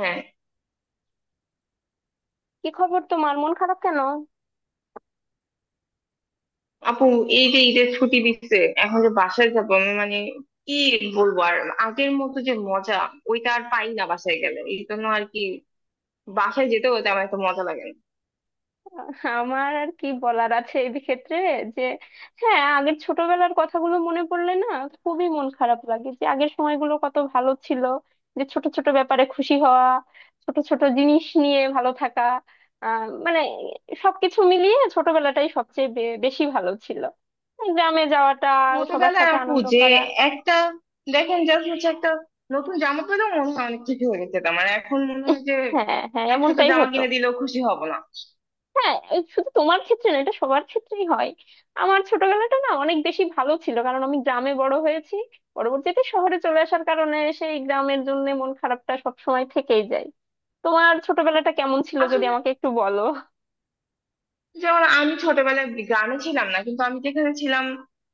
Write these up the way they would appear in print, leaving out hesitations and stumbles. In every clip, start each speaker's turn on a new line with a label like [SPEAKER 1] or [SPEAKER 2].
[SPEAKER 1] হ্যাঁ
[SPEAKER 2] কি খবর? তোমার মন খারাপ কেন?
[SPEAKER 1] আপু, এই যে ঈদের ছুটি দিচ্ছে, এখন যে বাসায় যাবো, আমি মানে কি বলবো আর? আগের মতো যে মজা, ওইটা আর পাই না বাসায় গেলে, এই জন্য আর কি বাসায় যেতেও তেমন একটা মজা লাগে না।
[SPEAKER 2] আমার আর কি বলার আছে এই ক্ষেত্রে যে, হ্যাঁ আগের ছোটবেলার কথাগুলো মনে পড়লে না খুবই মন খারাপ লাগে যে আগের সময়গুলো কত ভালো ছিল, যে ছোট ছোট ব্যাপারে খুশি হওয়া, ছোট ছোট জিনিস নিয়ে ভালো থাকা, মানে সবকিছু মিলিয়ে ছোটবেলাটাই সবচেয়ে বেশি ভালো ছিল। গ্রামে যাওয়াটা, সবার
[SPEAKER 1] ছোটবেলায়
[SPEAKER 2] সাথে
[SPEAKER 1] আপু
[SPEAKER 2] আনন্দ
[SPEAKER 1] যে
[SPEAKER 2] করা।
[SPEAKER 1] একটা, দেখেন জাস্ট হচ্ছে একটা নতুন জামা পেলেও মনে হয় অনেক কিছু হয়ে গেছে, আমার এখন মনে হয় যে
[SPEAKER 2] হ্যাঁ হ্যাঁ,
[SPEAKER 1] একসাথে
[SPEAKER 2] এমনটাই
[SPEAKER 1] জামা
[SPEAKER 2] হতো।
[SPEAKER 1] কিনে দিলেও খুশি হব না।
[SPEAKER 2] হ্যাঁ, এই শুধু তোমার ক্ষেত্রে না, এটা সবার ক্ষেত্রেই হয়। আমার ছোটবেলাটা না অনেক বেশি ভালো ছিল, কারণ আমি গ্রামে বড় হয়েছি। পরবর্তীতে শহরে চলে আসার কারণে সেই গ্রামের জন্য মন খারাপটা সব সময় থেকেই যায়। তোমার ছোটবেলাটা কেমন ছিল যদি
[SPEAKER 1] আসলে,
[SPEAKER 2] আমাকে একটু বলো।
[SPEAKER 1] যেমন আমি ছোটবেলায় গ্রামে ছিলাম না, কিন্তু আমি যেখানে ছিলাম,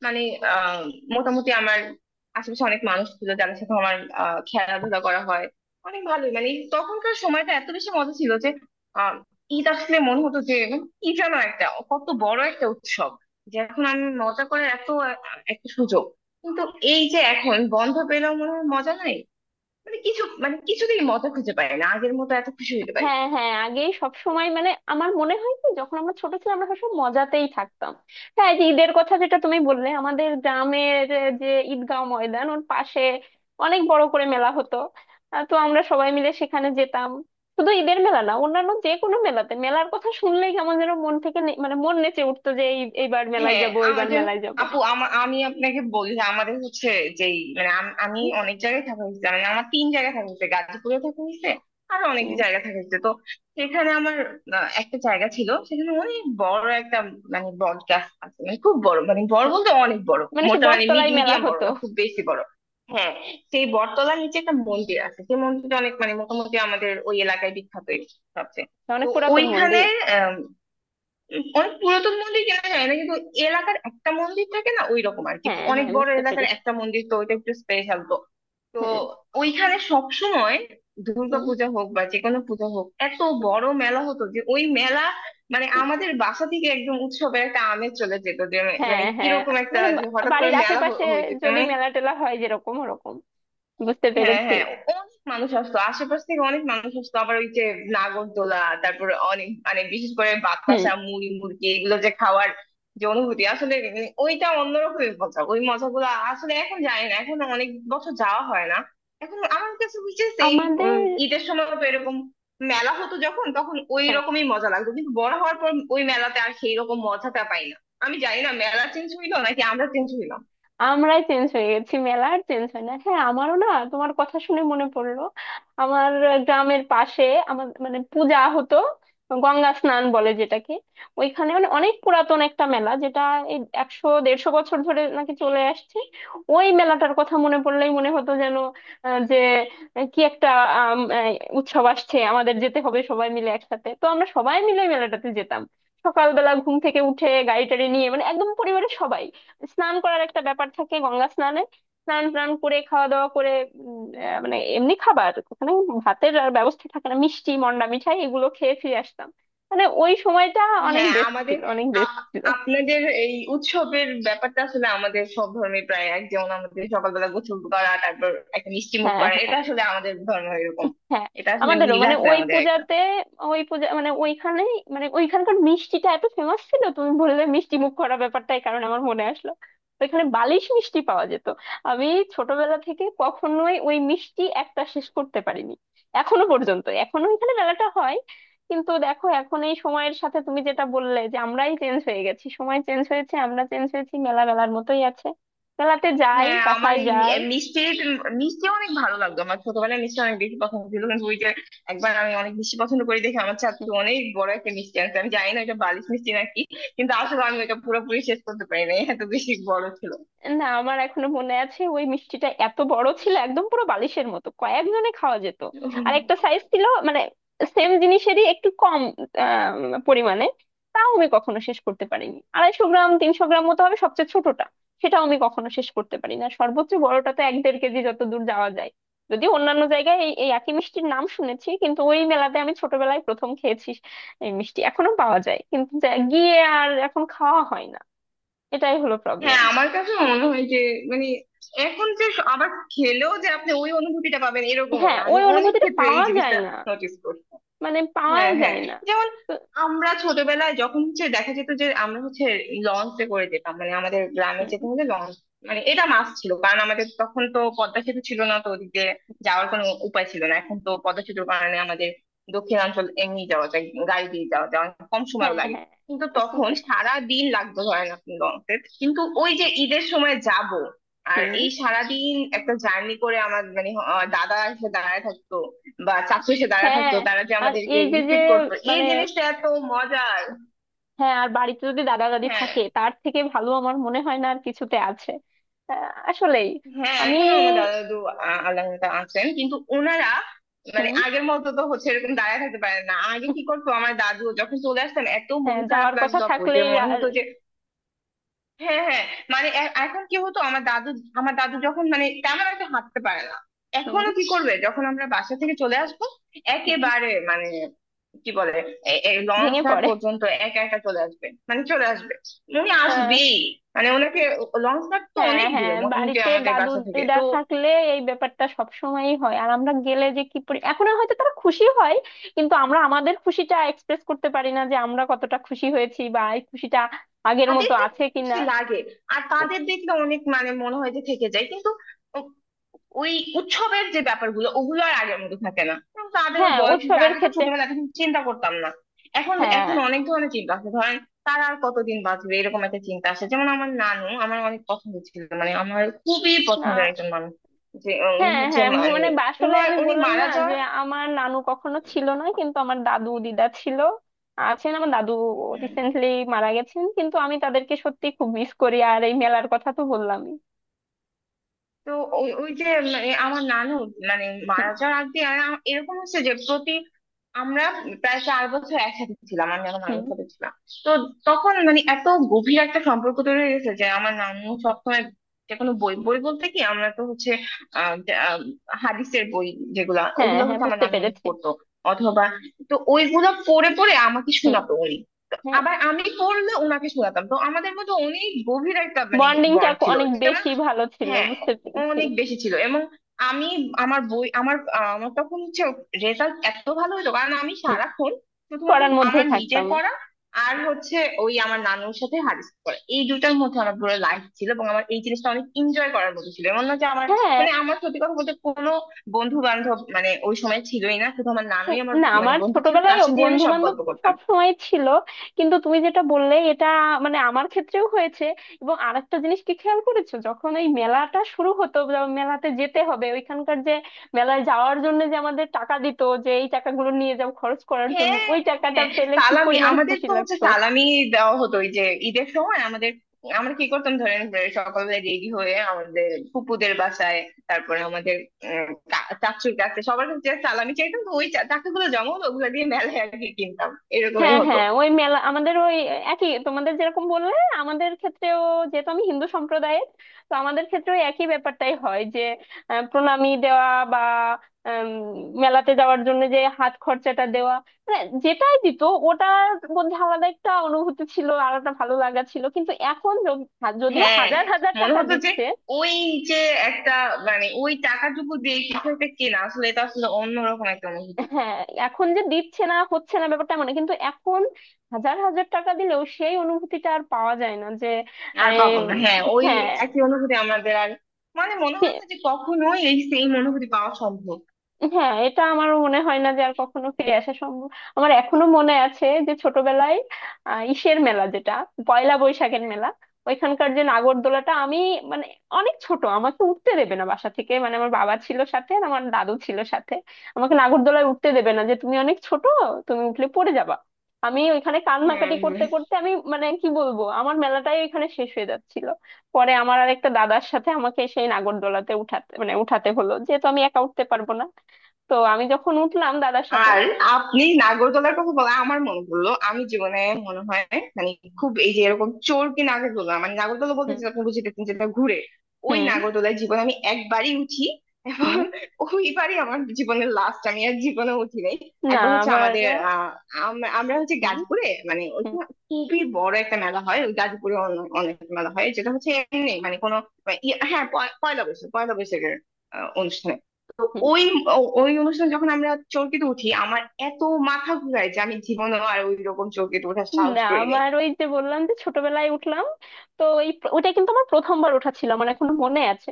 [SPEAKER 1] মানে আহ, মোটামুটি আমার আশেপাশে অনেক মানুষ ছিল যাদের সাথে আমার খেলাধুলা করা হয়, অনেক ভালোই মানে তখনকার সময়টা এত বেশি মজা ছিল যে আহ, ঈদ আসলে মনে হতো যে মানে কি যেন একটা, কত বড় একটা উৎসব, যে এখন আমি মজা করার এত একটা সুযোগ, কিন্তু এই যে এখন বন্ধ পেলেও মনে হয় মজা নাই, মানে কিছু মানে কিছুতেই মজা খুঁজে পাই না, আগের মতো এত খুশি হইতে পারি না।
[SPEAKER 2] হ্যাঁ হ্যাঁ, আগে সব সময় মানে আমার মনে হয় কি, যখন আমরা ছোট ছিলাম আমরা সবসময় মজাতেই থাকতাম। হ্যাঁ, এই যে ঈদের কথা যেটা তুমি বললে, আমাদের গ্রামের যে ঈদগাঁও ময়দান, ওর পাশে অনেক বড় করে মেলা হতো। তো আমরা সবাই মিলে সেখানে যেতাম। শুধু ঈদের মেলা না, অন্যান্য যে কোনো মেলাতে, মেলার কথা শুনলেই কেমন যেন মন থেকে মানে মন নেচে উঠতো যে এই এইবার মেলায়
[SPEAKER 1] হ্যাঁ,
[SPEAKER 2] যাব,
[SPEAKER 1] আমার
[SPEAKER 2] এইবার
[SPEAKER 1] যেমন
[SPEAKER 2] মেলায় যাব।
[SPEAKER 1] আপু, আমি আপনাকে বলি যে আমাদের হচ্ছে যেই মানে আমি অনেক জায়গায় থাকা হয়েছে, মানে আমার তিন জায়গায় থাকা হয়েছে, গাজীপুরে থাকা হয়েছে, আর অনেক
[SPEAKER 2] উম,
[SPEAKER 1] জায়গায় থাকা হয়েছে। তো সেখানে আমার একটা জায়গা ছিল, সেখানে অনেক বড় একটা মানে বট গাছ আছে, মানে খুব বড়, মানে বড় বলতে অনেক বড়,
[SPEAKER 2] মানে সে
[SPEAKER 1] মোটা মানে মিড
[SPEAKER 2] বটতলায় মেলা
[SPEAKER 1] মিডিয়াম, বড়
[SPEAKER 2] হতো।
[SPEAKER 1] না খুব বেশি বড়। হ্যাঁ, সেই বটতলার নিচে একটা মন্দির আছে, সেই মন্দিরটা অনেক মানে মোটামুটি আমাদের ওই এলাকায় বিখ্যাত সবচেয়ে। তো
[SPEAKER 2] অনেক পুরাতন
[SPEAKER 1] ওইখানে
[SPEAKER 2] মন্দির।
[SPEAKER 1] অনেক পুরাতন মন্দির, কেনা যায় না কিন্তু এলাকার একটা মন্দির থাকে না ওই রকম আর কি,
[SPEAKER 2] হ্যাঁ
[SPEAKER 1] অনেক
[SPEAKER 2] হ্যাঁ,
[SPEAKER 1] বড়
[SPEAKER 2] বুঝতে
[SPEAKER 1] এলাকার
[SPEAKER 2] পেরেছি।
[SPEAKER 1] একটা মন্দির, তো ওইটা একটু স্পেশাল। তো তো
[SPEAKER 2] হ্যাঁ।
[SPEAKER 1] ওইখানে সবসময় দুর্গা
[SPEAKER 2] হুম,
[SPEAKER 1] পূজা হোক বা যে কোনো পূজা হোক, এত
[SPEAKER 2] হুম,
[SPEAKER 1] বড় মেলা হতো যে ওই মেলা মানে
[SPEAKER 2] হুম।
[SPEAKER 1] আমাদের বাসা থেকে একদম উৎসবের একটা আমেজ চলে যেত, যে
[SPEAKER 2] হ্যাঁ
[SPEAKER 1] মানে
[SPEAKER 2] হ্যাঁ,
[SPEAKER 1] কিরকম একটা
[SPEAKER 2] মানে
[SPEAKER 1] যে হঠাৎ করে
[SPEAKER 2] বাড়ির
[SPEAKER 1] মেলা
[SPEAKER 2] আশেপাশে
[SPEAKER 1] হইতেছে
[SPEAKER 2] যদি
[SPEAKER 1] মানে।
[SPEAKER 2] মেলা টেলা হয় যেরকম ওরকম, বুঝতে
[SPEAKER 1] হ্যাঁ
[SPEAKER 2] পেরেছি।
[SPEAKER 1] হ্যাঁ, অনেক মানুষ আসতো আশেপাশ থেকে, অনেক মানুষ আসতো। আবার ওই যে নাগরদোলা, তারপরে অনেক মানে বিশেষ করে
[SPEAKER 2] হুম।
[SPEAKER 1] বাতাসা মুড়ি মুড়কি, এগুলো যে খাওয়ার যে অনুভূতি আসলে ওইটা অন্যরকমের মজা, ওই মজাগুলো আসলে এখন জানি না, এখন অনেক বছর যাওয়া হয় না। এখন আমার কাছে হচ্ছে সেম,
[SPEAKER 2] আমাদের,
[SPEAKER 1] ঈদের সময় তো এরকম মেলা হতো, যখন তখন ওই
[SPEAKER 2] হ্যাঁ,
[SPEAKER 1] রকমই মজা লাগতো, কিন্তু বড় হওয়ার পর ওই মেলাতে আর সেই রকম মজাটা পাই না। আমি জানি না মেলা চেঞ্জ হইলো নাকি আমরা চেঞ্জ হইলাম।
[SPEAKER 2] আমরাই চেঞ্জ হয়ে গেছি, মেলা আর চেঞ্জ হয় না। হ্যাঁ আমারও না, তোমার কথা শুনে মনে পড়লো। আমার গ্রামের পাশে আমার মানে পূজা হতো, গঙ্গা স্নান বলে যেটাকে। ওইখানে মানে অনেক পুরাতন একটা মেলা, যেটা এই 100 150 বছর ধরে নাকি চলে আসছে। ওই মেলাটার কথা মনে পড়লেই মনে হতো যেন আহ, যে কি একটা এই উৎসব আসছে, আমাদের যেতে হবে সবাই মিলে একসাথে। তো আমরা সবাই মিলে ওই মেলাটাতে যেতাম। সকালবেলা ঘুম থেকে উঠে গাড়ি টাড়ি নিয়ে, মানে একদম পরিবারের সবাই। স্নান করার একটা ব্যাপার থাকে গঙ্গা স্নানে। স্নান টান করে খাওয়া দাওয়া করে মানে এমনি খাবার ওখানে ভাতের আর ব্যবস্থা থাকে না, মিষ্টি মন্ডা মিঠাই এগুলো খেয়ে ফিরে আসতাম। মানে ওই সময়টা অনেক
[SPEAKER 1] হ্যাঁ,
[SPEAKER 2] বেস্ট ছিল,
[SPEAKER 1] আমাদের
[SPEAKER 2] অনেক বেস্ট
[SPEAKER 1] আ-
[SPEAKER 2] ছিল।
[SPEAKER 1] আপনাদের এই উৎসবের ব্যাপারটা আসলে আমাদের সব ধর্মে প্রায় এক, যেমন আমাদের সকালবেলা গোসল করা তারপর একটা মিষ্টি মুখ
[SPEAKER 2] হ্যাঁ
[SPEAKER 1] করা,
[SPEAKER 2] হ্যাঁ।
[SPEAKER 1] এটা আসলে আমাদের ধর্ম এরকম।
[SPEAKER 2] হ্যাঁ।
[SPEAKER 1] এটা আসলে
[SPEAKER 2] আমাদেরও
[SPEAKER 1] মিল
[SPEAKER 2] মানে
[SPEAKER 1] আছে
[SPEAKER 2] ওই
[SPEAKER 1] আমাদের একটা।
[SPEAKER 2] পূজাতে, ওই পূজা মানে ওইখানে, মানে ওইখানকার মিষ্টিটা এত ফেমাস ছিল, তুমি বললে মিষ্টি মুখ করা ব্যাপারটাই কারণ আমার মনে আসলো। ওইখানে বালিশ মিষ্টি পাওয়া যেত। আমি ছোটবেলা থেকে কখনোই ওই মিষ্টি একটা শেষ করতে পারিনি। এখনো পর্যন্ত এখনো ওইখানে মেলাটা হয়, কিন্তু দেখো এখন এই সময়ের সাথে তুমি যেটা বললে যে আমরাই চেঞ্জ হয়ে গেছি, সময় চেঞ্জ হয়েছে, আমরা চেঞ্জ হয়েছি, মেলা মেলার মতোই আছে। মেলাতে যাই,
[SPEAKER 1] হ্যাঁ, আমার
[SPEAKER 2] বাসায়
[SPEAKER 1] এই
[SPEAKER 2] যাই।
[SPEAKER 1] এই মিষ্টি মিষ্টি অনেক ভালো লাগতো, আমার ছোটবেলায় মিষ্টি অনেক বেশি পছন্দ ছিল। কিন্তু ওই যে, একবার আমি অনেক মিষ্টি পছন্দ করি দেখে আমার ছাত্র অনেক বড় একটা মিষ্টি আনছে, আমি জানি না এটা বালিশ মিষ্টি নাকি, কিন্তু আসলে আমি এটা পুরোপুরি শেষ করতে পারি না, এত বেশি বড় ছিল।
[SPEAKER 2] না, আমার এখনো মনে আছে ওই মিষ্টিটা এত বড় ছিল, একদম পুরো বালিশের মতো, কয়েকজনে খাওয়া যেত। আর একটা সাইজ ছিল মানে সেম জিনিসেরই একটু কম পরিমাণে। তাও আমি কখনো শেষ করতে পারিনি। 250 গ্রাম 300 গ্রাম মতো হবে সবচেয়ে ছোটটা, সেটাও আমি কখনো শেষ করতে পারি না। সর্বোচ্চ বড়টা তো 1 1.5 কেজি যত দূর যাওয়া যায়। যদিও অন্যান্য জায়গায় এই এই একই মিষ্টির নাম শুনেছি, কিন্তু ওই মেলাতে আমি ছোটবেলায় প্রথম খেয়েছি। এই মিষ্টি এখনো পাওয়া যায় কিন্তু গিয়ে আর এখন খাওয়া হয় না। এটাই হলো প্রবলেম।
[SPEAKER 1] হ্যাঁ আমার কাছেও মনে হয় যে মানে এখন যে আবার খেলেও যে আপনি ওই অনুভূতিটা পাবেন এরকমও
[SPEAKER 2] হ্যাঁ,
[SPEAKER 1] না, আমি
[SPEAKER 2] ওই
[SPEAKER 1] অনেক
[SPEAKER 2] অনুভূতিটা
[SPEAKER 1] ক্ষেত্রে এই
[SPEAKER 2] পাওয়া যায়
[SPEAKER 1] জিনিসটা
[SPEAKER 2] না,
[SPEAKER 1] নোটিস করি।
[SPEAKER 2] মানে পাওয়াই
[SPEAKER 1] হ্যাঁ হ্যাঁ,
[SPEAKER 2] যায় না।
[SPEAKER 1] যেমন
[SPEAKER 2] তো
[SPEAKER 1] আমরা ছোটবেলায় যখন হচ্ছে দেখা যেত যে আমরা হচ্ছে লঞ্চে করে যেতাম, মানে আমাদের গ্রামে যেতে
[SPEAKER 2] হুম,
[SPEAKER 1] হলে লঞ্চ মানে এটা মাস ছিল, কারণ আমাদের তখন তো পদ্মা সেতু ছিল না, তো ওদিকে যাওয়ার কোনো উপায় ছিল না। এখন তো পদ্মা সেতুর কারণে আমাদের দক্ষিণাঞ্চল এমনি যাওয়া যায়, গাড়ি দিয়ে যাওয়া যায়, অনেক কম
[SPEAKER 2] হ্যাঁ
[SPEAKER 1] সময়ও লাগে।
[SPEAKER 2] হ্যাঁ।
[SPEAKER 1] কিন্তু
[SPEAKER 2] এখন
[SPEAKER 1] তখন
[SPEAKER 2] তো কম।
[SPEAKER 1] সারা দিন লাগতো, ধরেন আপনি লঞ্চে, কিন্তু ওই যে ঈদের সময় যাব আর
[SPEAKER 2] হুম।
[SPEAKER 1] এই সারাদিন একটা জার্নি করে আমার মানে দাদা এসে দাঁড়ায় থাকতো বা চাকু এসে দাঁড়া
[SPEAKER 2] হ্যাঁ,
[SPEAKER 1] থাকতো, তারা যে
[SPEAKER 2] আর
[SPEAKER 1] আমাদেরকে
[SPEAKER 2] এই যে যে
[SPEAKER 1] রিসিভ করতো, এই
[SPEAKER 2] মানে,
[SPEAKER 1] জিনিসটা এত মজার।
[SPEAKER 2] হ্যাঁ আর বাড়িতে যদি দাদা দাদি
[SPEAKER 1] হ্যাঁ
[SPEAKER 2] থাকে তার থেকে ভালো আমার মনে হয় না আর কিছুতে আছে। আসলেই।
[SPEAKER 1] হ্যাঁ,
[SPEAKER 2] আমি,
[SPEAKER 1] এখনো আমার দাদা দাদু আল্লাহ তাআলা আছেন, কিন্তু ওনারা মানে
[SPEAKER 2] হুম,
[SPEAKER 1] আগের মতো তো হচ্ছে এরকম দাঁড়ায় থাকতে পারে না। আগে কি করতো, আমার দাদু যখন চলে আসতেন এত মন
[SPEAKER 2] হ্যাঁ
[SPEAKER 1] খারাপ
[SPEAKER 2] যাওয়ার কথা
[SPEAKER 1] লাগতো আপু, যে
[SPEAKER 2] থাকলেই
[SPEAKER 1] মনে
[SPEAKER 2] আর,
[SPEAKER 1] হতো যে হ্যাঁ হ্যাঁ মানে এখন কি হতো, আমার দাদু, আমার দাদু যখন মানে তেমন একটা হাঁটতে পারে না,
[SPEAKER 2] হুম
[SPEAKER 1] এখনো কি করবে যখন আমরা বাসা থেকে চলে আসবো,
[SPEAKER 2] হুম
[SPEAKER 1] একেবারে মানে কি বলে, এই লঞ্চ
[SPEAKER 2] ভেঙে
[SPEAKER 1] ঘাট
[SPEAKER 2] পড়ে।
[SPEAKER 1] পর্যন্ত একা একা চলে আসবে, মানে চলে আসবে, উনি আসবেই, মানে ওনাকে, লঞ্চ ঘাট তো
[SPEAKER 2] হ্যাঁ
[SPEAKER 1] অনেক
[SPEAKER 2] হ্যাঁ,
[SPEAKER 1] দূরে মোটামুটি
[SPEAKER 2] বাড়িতে
[SPEAKER 1] আমাদের
[SPEAKER 2] দাদু
[SPEAKER 1] বাসা থেকে
[SPEAKER 2] দিদা
[SPEAKER 1] তো।
[SPEAKER 2] থাকলে এই ব্যাপারটা সব সময়ই হয়। আর আমরা গেলে যে কি পরি, এখন আর হয়তো তারা খুশি হয় কিন্তু আমরা আমাদের খুশিটা এক্সপ্রেস করতে পারি না, যে আমরা কতটা খুশি হয়েছি বা এই খুশিটা আগের
[SPEAKER 1] তাদের
[SPEAKER 2] মতো আছে
[SPEAKER 1] দেখলে
[SPEAKER 2] কিনা।
[SPEAKER 1] খুশি লাগে, আর তাদের দেখলে অনেক মানে মনে হয় যে থেকে যায়, কিন্তু ওই উৎসবের যে ব্যাপারগুলো, ওগুলো আর আগের মতো থাকে না। এখন তাদেরও
[SPEAKER 2] হ্যাঁ,
[SPEAKER 1] বয়স হয়েছে,
[SPEAKER 2] উৎসবের
[SPEAKER 1] আগে তো
[SPEAKER 2] ক্ষেত্রে
[SPEAKER 1] ছোটবেলায় এত কিছু চিন্তা করতাম না। এখন
[SPEAKER 2] হ্যাঁ।
[SPEAKER 1] এখন অনেক ধরনের চিন্তা আছে, ধরেন তারা আর কতদিন বাঁচবে এরকম একটা চিন্তা আসে। যেমন আমার নানু আমার অনেক পছন্দ ছিল, মানে আমার খুবই
[SPEAKER 2] না,
[SPEAKER 1] পছন্দের একজন মানুষ যে, উনি
[SPEAKER 2] হ্যাঁ
[SPEAKER 1] হচ্ছে
[SPEAKER 2] হ্যাঁ
[SPEAKER 1] মানে
[SPEAKER 2] মানে আসলে
[SPEAKER 1] উনার
[SPEAKER 2] আমি
[SPEAKER 1] উনি
[SPEAKER 2] বললাম
[SPEAKER 1] মারা
[SPEAKER 2] না যে,
[SPEAKER 1] যাওয়ার,
[SPEAKER 2] আমার নানু কখনো ছিল না কিন্তু আমার দাদু দিদা ছিল। আছেন আমার দাদু, রিসেন্টলি মারা গেছেন, কিন্তু আমি তাদেরকে সত্যি খুব মিস করি, আর এই মেলার কথা তো বললামই।
[SPEAKER 1] তো ওই ওই যে মানে আমার নানু মানে
[SPEAKER 2] হুম
[SPEAKER 1] মারা যাওয়ার আগে, আর এরকম হচ্ছে যে প্রতি, আমরা প্রায় চার বছর একসাথে ছিলাম, আমি আমার
[SPEAKER 2] হুম।
[SPEAKER 1] নানুর সাথে ছিলাম। তো তখন মানে এত গভীর একটা সম্পর্ক তৈরি হয়ে গেছে যে আমার নানু সবসময় যে কোনো বই, বই বলতে কি আমরা তো হচ্ছে আহ যে, আহ, হাদিসের বই যেগুলা,
[SPEAKER 2] হ্যাঁ
[SPEAKER 1] ওগুলো
[SPEAKER 2] হ্যাঁ,
[SPEAKER 1] হচ্ছে আমার
[SPEAKER 2] বুঝতে
[SPEAKER 1] নানু অনেক
[SPEAKER 2] পেরেছি।
[SPEAKER 1] পড়তো অথবা, তো ওইগুলো পড়ে পড়ে আমাকে
[SPEAKER 2] হুম।
[SPEAKER 1] শোনাতো উনি, তো
[SPEAKER 2] হ্যাঁ,
[SPEAKER 1] আবার আমি পড়লে ওনাকে শোনাতাম, তো আমাদের মধ্যে অনেক গভীর একটা মানে
[SPEAKER 2] বন্ডিংটা
[SPEAKER 1] বন্ড ছিল।
[SPEAKER 2] অনেক বেশি ভালো ছিল,
[SPEAKER 1] হ্যাঁ,
[SPEAKER 2] বুঝতে পেরেছি।
[SPEAKER 1] অনেক বেশি ছিল, এবং আমি আমার বই আমার আমার তখন হচ্ছে রেজাল্ট এত ভালো হতো, কারণ আমি
[SPEAKER 2] হুম,
[SPEAKER 1] সারাক্ষণ শুধুমাত্র
[SPEAKER 2] পড়ার
[SPEAKER 1] আমার
[SPEAKER 2] মধ্যেই
[SPEAKER 1] নিজের
[SPEAKER 2] থাকতাম।
[SPEAKER 1] পড়া আর হচ্ছে ওই আমার নানুর সাথে হাদিস পড়া, এই দুটার মধ্যে আমার পুরো লাইফ ছিল, এবং আমার এই জিনিসটা অনেক এনজয় করার মতো ছিল। এমন না যে আমার
[SPEAKER 2] হ্যাঁ।
[SPEAKER 1] মানে, আমার সত্যি কথা বলতে কোনো বন্ধু বান্ধব মানে ওই সময় ছিলই না, শুধু আমার নানুই আমার
[SPEAKER 2] না,
[SPEAKER 1] মানে
[SPEAKER 2] আমার
[SPEAKER 1] বন্ধু ছিল,
[SPEAKER 2] ছোটবেলায়
[SPEAKER 1] তার সাথে আমি
[SPEAKER 2] বন্ধু
[SPEAKER 1] সব
[SPEAKER 2] বান্ধব
[SPEAKER 1] গল্প
[SPEAKER 2] তো
[SPEAKER 1] করতাম।
[SPEAKER 2] সবসময় ছিল, কিন্তু তুমি যেটা বললে এটা মানে আমার ক্ষেত্রেও হয়েছে। এবং আরেকটা জিনিস কি খেয়াল করেছো, যখন এই মেলাটা শুরু হতো বা মেলাতে যেতে হবে ওইখানকার যে, মেলায় যাওয়ার জন্য যে আমাদের টাকা দিত, যে এই টাকাগুলো নিয়ে যাও খরচ করার জন্য,
[SPEAKER 1] হ্যাঁ,
[SPEAKER 2] ওই টাকাটা
[SPEAKER 1] হ্যাঁ, হ্যাঁ,
[SPEAKER 2] পেলে কি
[SPEAKER 1] সালামি,
[SPEAKER 2] পরিমাণ
[SPEAKER 1] আমাদের
[SPEAKER 2] খুশি
[SPEAKER 1] তো হচ্ছে
[SPEAKER 2] লাগতো।
[SPEAKER 1] সালামি দেওয়া হতো ওই যে ঈদের সময় আমাদের। আমরা কি করতাম, ধরেন যে সকালবেলা রেডি হয়ে আমাদের ফুপুদের বাসায়, তারপরে আমাদের চাচুর কাছে সবার কাছে যে সালামি চাইতাম, তো ওই টাকাগুলো জমাও ওগুলো দিয়ে মেলায় আর কি কিনতাম, এরকমই
[SPEAKER 2] হ্যাঁ
[SPEAKER 1] হতো।
[SPEAKER 2] হ্যাঁ, ওই মেলা আমাদের ওই একই তোমাদের যেরকম বললে আমাদের ক্ষেত্রেও, যেহেতু আমি হিন্দু সম্প্রদায়ের, তো আমাদের ক্ষেত্রেও একই ব্যাপারটাই হয় যে প্রণামী দেওয়া বা আম, মেলাতে যাওয়ার জন্য যে হাত খরচাটা দেওয়া, মানে যেটাই দিত ওটার মধ্যে আলাদা একটা অনুভূতি ছিল, আলাদা ভালো লাগা ছিল। কিন্তু এখন যদিও
[SPEAKER 1] হ্যাঁ
[SPEAKER 2] হাজার হাজার
[SPEAKER 1] মনে
[SPEAKER 2] টাকা
[SPEAKER 1] হতো যে
[SPEAKER 2] দিচ্ছে,
[SPEAKER 1] ওই যে একটা মানে ওই টাকাটুকু দিয়ে কিছু একটা কেনা, আসলে এটা আসলে অন্যরকম একটা অনুভূতি।
[SPEAKER 2] হ্যাঁ এখন যে দিচ্ছে না হচ্ছে না ব্যাপারটা মানে, কিন্তু এখন হাজার হাজার টাকা দিলেও সেই অনুভূতিটা আর পাওয়া যায় না, যে
[SPEAKER 1] আর পাবো
[SPEAKER 2] আহ,
[SPEAKER 1] না, হ্যাঁ ওই একই অনুভূতি আমাদের আর, মানে মনে হয়
[SPEAKER 2] হ্যাঁ
[SPEAKER 1] না যে কখনোই এই সেম অনুভূতি পাওয়া সম্ভব।
[SPEAKER 2] হ্যাঁ, এটা আমারও মনে হয় না যে আর কখনো ফিরে আসা সম্ভব। আমার এখনো মনে আছে যে ছোটবেলায় ইসের মেলা যেটা, পয়লা বৈশাখের মেলা, ওইখানকার যে নাগরদোলাটা, আমি মানে অনেক ছোট, আমাকে উঠতে দেবে না বাসা থেকে, মানে আমার বাবা ছিল সাথে আর আমার দাদু ছিল সাথে। আমাকে নাগরদোলায় উঠতে দেবে না, যে তুমি অনেক ছোট, তুমি উঠলে পড়ে যাবা। আমি ওইখানে
[SPEAKER 1] হ্যাঁ
[SPEAKER 2] কান্নাকাটি
[SPEAKER 1] হ্যাঁ,
[SPEAKER 2] করতে করতে, আমি মানে কি বলবো আমার মেলাটাই ওইখানে শেষ হয়ে যাচ্ছিল। পরে আমার আর একটা দাদার সাথে আমাকে সেই নাগরদোলাতে উঠাতে, মানে উঠাতে হলো, যেহেতু আমি একা উঠতে পারবো না। তো আমি যখন উঠলাম দাদার সাথে,
[SPEAKER 1] আর আপনি নাগরদোলার কথা বলা, আমার মনে পড়লো আমি জীবনে মনে হয় মানে খুব, এই যে এরকম চরকি নাগরদোলা, মানে নাগরদোলা বলতে
[SPEAKER 2] হুম
[SPEAKER 1] যেটা আপনি বুঝিতেছেন যেটা ঘুরে, ওই
[SPEAKER 2] হুম
[SPEAKER 1] নাগরদোলায় জীবনে আমি একবারই উঠি, এবং
[SPEAKER 2] হুম
[SPEAKER 1] ওইবারই আমার জীবনের লাস্ট, আমি আর জীবনে উঠি নাই।
[SPEAKER 2] না
[SPEAKER 1] একবার হচ্ছে
[SPEAKER 2] আমার
[SPEAKER 1] আমাদের আমরা হচ্ছে
[SPEAKER 2] হুম
[SPEAKER 1] গাজীপুরে, মানে
[SPEAKER 2] হুম
[SPEAKER 1] ওইখানে খুবই বড় একটা মেলা হয়, ওই গাজীপুরে অনেক মেলা হয়, যেটা হচ্ছে এমনি মানে কোনো হ্যাঁ পয়লা বৈশাখ, পয়লা বৈশাখের অনুষ্ঠানে, তো
[SPEAKER 2] হুম
[SPEAKER 1] ওই ওই অনুষ্ঠানে যখন আমরা চরকিতে উঠি, আমার এত মাথা ঘুরায় যে আমি জীবনে আর ওই রকম চরকিতে ওঠার
[SPEAKER 2] না
[SPEAKER 1] সাহস করি নাই।
[SPEAKER 2] আমার ওই যে বললাম যে ছোটবেলায় উঠলাম, তো ওই ওটা কিন্তু আমার প্রথমবার ওঠা ছিল, আমার এখনো মনে আছে।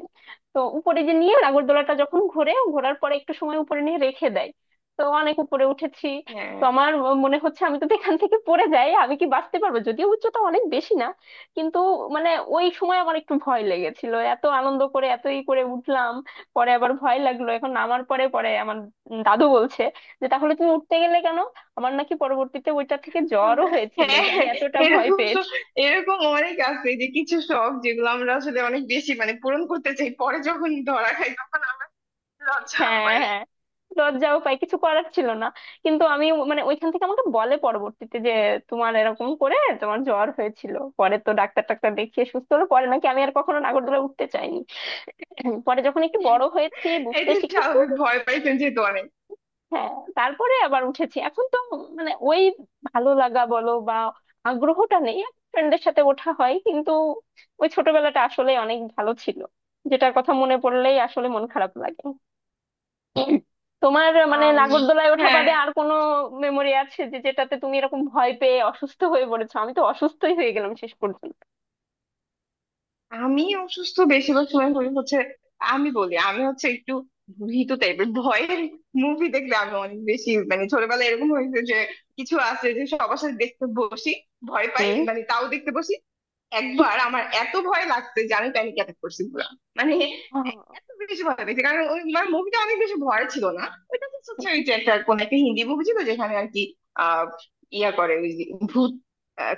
[SPEAKER 2] তো উপরে যে নিয়ে নাগরদোলাটা যখন ঘোরে, ঘোরার পরে একটু সময় উপরে নিয়ে রেখে দেয়। তো অনেক উপরে উঠেছি, তো
[SPEAKER 1] হ্যাঁ
[SPEAKER 2] আমার মনে হচ্ছে আমি যদি এখান থেকে পড়ে যাই আমি কি বাঁচতে পারবো, যদিও উচ্চতা অনেক বেশি না, কিন্তু মানে ওই সময় আমার একটু ভয় লেগেছিল। এত আনন্দ করে এতই করে উঠলাম, পরে আবার ভয় লাগলো এখন নামার পরে। পরে আমার দাদু বলছে যে তাহলে তুমি উঠতে গেলে কেন। আমার নাকি পরবর্তীতে ওইটা থেকে জ্বরও হয়েছিল,
[SPEAKER 1] হ্যাঁ,
[SPEAKER 2] যে আমি এতটা ভয়
[SPEAKER 1] এরকম
[SPEAKER 2] পেয়েছি।
[SPEAKER 1] এরকম অনেক আছে যে কিছু শখ, যেগুলো আমরা আসলে অনেক বেশি মানে পূরণ করতে চাই, পরে যখন ধরা খাই তখন লজ্জা
[SPEAKER 2] হ্যাঁ
[SPEAKER 1] পাই।
[SPEAKER 2] হ্যাঁ, লজ্জাও পাই, কিছু করার ছিল না। কিন্তু আমি মানে ওইখান থেকে আমাকে বলে পরবর্তীতে যে তোমার এরকম করে তোমার জ্বর হয়েছিল, পরে তো ডাক্তার টাক্তার দেখিয়ে সুস্থ হলো, পরে নাকি আমি আর কখনো নাগরদোলা উঠতে চাইনি। পরে যখন একটু বড় হয়েছি বুঝতে
[SPEAKER 1] এটা
[SPEAKER 2] শিখেছি,
[SPEAKER 1] স্বাভাবিক, ভয় পাই কিন্তু যেহেতু অনেক
[SPEAKER 2] হ্যাঁ, তারপরে আবার উঠেছি। এখন তো মানে ওই ভালো লাগা বলো বা আগ্রহটা নেই, ফ্রেন্ডের সাথে ওঠা হয়, কিন্তু ওই ছোটবেলাটা আসলে অনেক ভালো ছিল, যেটার কথা মনে পড়লেই আসলে মন খারাপ লাগে। তোমার মানে
[SPEAKER 1] আম,
[SPEAKER 2] নাগরদোলায় ওঠা
[SPEAKER 1] হ্যাঁ
[SPEAKER 2] বাদে আর কোনো মেমোরি আছে যে যেটাতে তুমি এরকম ভয় পেয়ে অসুস্থ হয়ে পড়েছো? আমি তো অসুস্থই হয়ে গেলাম শেষ পর্যন্ত।
[SPEAKER 1] আমি অসুস্থ বেশিরভাগ সময় হই হচ্ছে, আমি বলি আমি হচ্ছে একটু ভীতু টাইপের, ভয়ের মুভি দেখলে আমি অনেক বেশি মানে ছোটবেলায় এরকম হয়েছে যে, কিছু আছে যে সবার সাথে দেখতে বসি, ভয় পাই
[SPEAKER 2] হুম
[SPEAKER 1] মানে তাও দেখতে বসি। একবার আমার এত ভয় লাগছে যে আমি প্যানিক অ্যাটাক করছি পুরো মানে,
[SPEAKER 2] আহ,
[SPEAKER 1] এত বেশি ভয় পেয়েছি, কারণ ওই মানে মুভিটা অনেক বেশি ভয় ছিল না, ওইটা তো সোসাইটি একটা কোন একটা হিন্দি মুভি ছিল, যেখানে আর কি আহ ইয়া করে ওই যে ভূত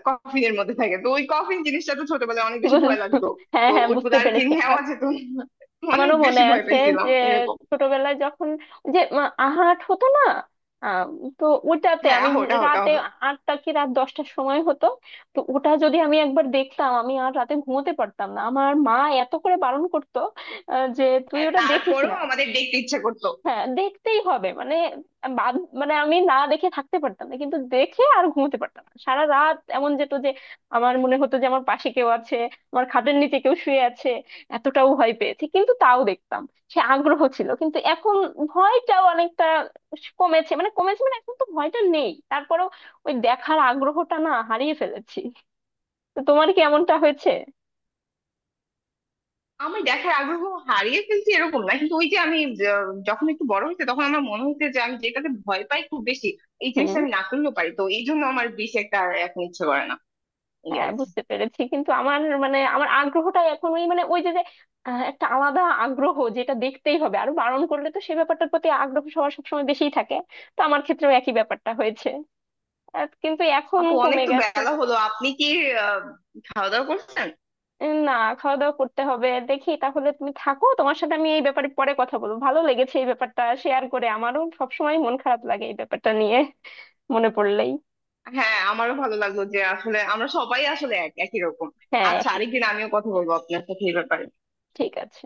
[SPEAKER 1] কফিনের মধ্যে থাকে, তো ওই কফিন জিনিসটা তো ছোটবেলায় অনেক বেশি
[SPEAKER 2] বুঝ-
[SPEAKER 1] ভয় লাগতো,
[SPEAKER 2] হ্যাঁ
[SPEAKER 1] তো
[SPEAKER 2] হ্যাঁ,
[SPEAKER 1] ওইগুলো
[SPEAKER 2] বুঝতে
[SPEAKER 1] আর কি
[SPEAKER 2] পেরেছি।
[SPEAKER 1] নেওয়া যেত না। অনেক
[SPEAKER 2] আমারও মনে
[SPEAKER 1] বেশি ভয়
[SPEAKER 2] আছে
[SPEAKER 1] পেয়েছিলাম
[SPEAKER 2] যে
[SPEAKER 1] এরকম।
[SPEAKER 2] ছোটবেলায় যখন যে আহাট হতো না, আম, তো ওটাতে
[SPEAKER 1] হ্যাঁ,
[SPEAKER 2] আমি
[SPEAKER 1] আহট আহট
[SPEAKER 2] রাতে
[SPEAKER 1] আহট।
[SPEAKER 2] 8টা কি রাত 10টার সময় হতো। তো ওটা যদি আমি একবার দেখতাম আমি আর রাতে ঘুমোতে পারতাম না। আমার মা এত করে বারণ করতো যে তুই
[SPEAKER 1] হ্যাঁ
[SPEAKER 2] ওটা দেখিস
[SPEAKER 1] তারপরেও
[SPEAKER 2] না।
[SPEAKER 1] আমাদের দেখতে ইচ্ছা করতো।
[SPEAKER 2] হ্যাঁ দেখতেই হবে, মানে বাদ মানে আমি না দেখে থাকতে পারতাম না, কিন্তু দেখে আর ঘুমোতে পারতাম না। সারা রাত এমন যেত যে আমার মনে হতো যে আমার পাশে কেউ আছে, আমার খাটের নিচে কেউ শুয়ে আছে। এতটাও ভয় পেয়েছি কিন্তু তাও দেখতাম, সে আগ্রহ ছিল। কিন্তু এখন ভয়টাও অনেকটা কমেছে, মানে কমেছে মানে এখন তো ভয়টা নেই, তারপরেও ওই দেখার আগ্রহটা না হারিয়ে ফেলেছি। তো তোমার কি এমনটা হয়েছে?
[SPEAKER 1] আমি দেখার আগ্রহ হারিয়ে ফেলছি এরকম না, কিন্তু ওই যে আমি যখন একটু বড় হয়েছে তখন আমার মনে হচ্ছে যে আমি যেটাতে ভয় পাই খুব বেশি, এই
[SPEAKER 2] হুম।
[SPEAKER 1] জিনিসটা আমি না করলেও পারি, তো এই জন্য আমার বেশি একটা আর এখন ইচ্ছে করে না, এই আর
[SPEAKER 2] হ্যাঁ
[SPEAKER 1] কি।
[SPEAKER 2] বুঝতে পেরেছি, কিন্তু আমার মানে আমার আগ্রহটা এখন ওই মানে ওই যে যে একটা আলাদা আগ্রহ, যেটা দেখতেই হবে, আরো বারণ করলে তো সে ব্যাপারটার প্রতি আগ্রহ সবার সবসময় বেশিই থাকে। তো আমার ক্ষেত্রেও একই ব্যাপারটা হয়েছে, আর কিন্তু এখন
[SPEAKER 1] আপু অনেক
[SPEAKER 2] কমে
[SPEAKER 1] তো
[SPEAKER 2] গেছে।
[SPEAKER 1] বেলা হলো, আপনি কি আহ, খাওয়া দাওয়া করছেন?
[SPEAKER 2] না, খাওয়া দাওয়া করতে হবে দেখি, তাহলে তুমি থাকো, তোমার সাথে আমি এই ব্যাপারে পরে কথা বলবো, ভালো লেগেছে এই ব্যাপারটা শেয়ার করে, আমারও সবসময় মন খারাপ লাগে এই ব্যাপারটা নিয়ে মনে পড়লেই।
[SPEAKER 1] হ্যাঁ আমারও ভালো লাগলো যে আসলে আমরা সবাই আসলে এক একই রকম।
[SPEAKER 2] হ্যাঁ
[SPEAKER 1] আচ্ছা,
[SPEAKER 2] একই রকম।
[SPEAKER 1] আরেকদিন আমিও কথা বলবো আপনার সাথে এই ব্যাপারে।
[SPEAKER 2] ঠিক আছে।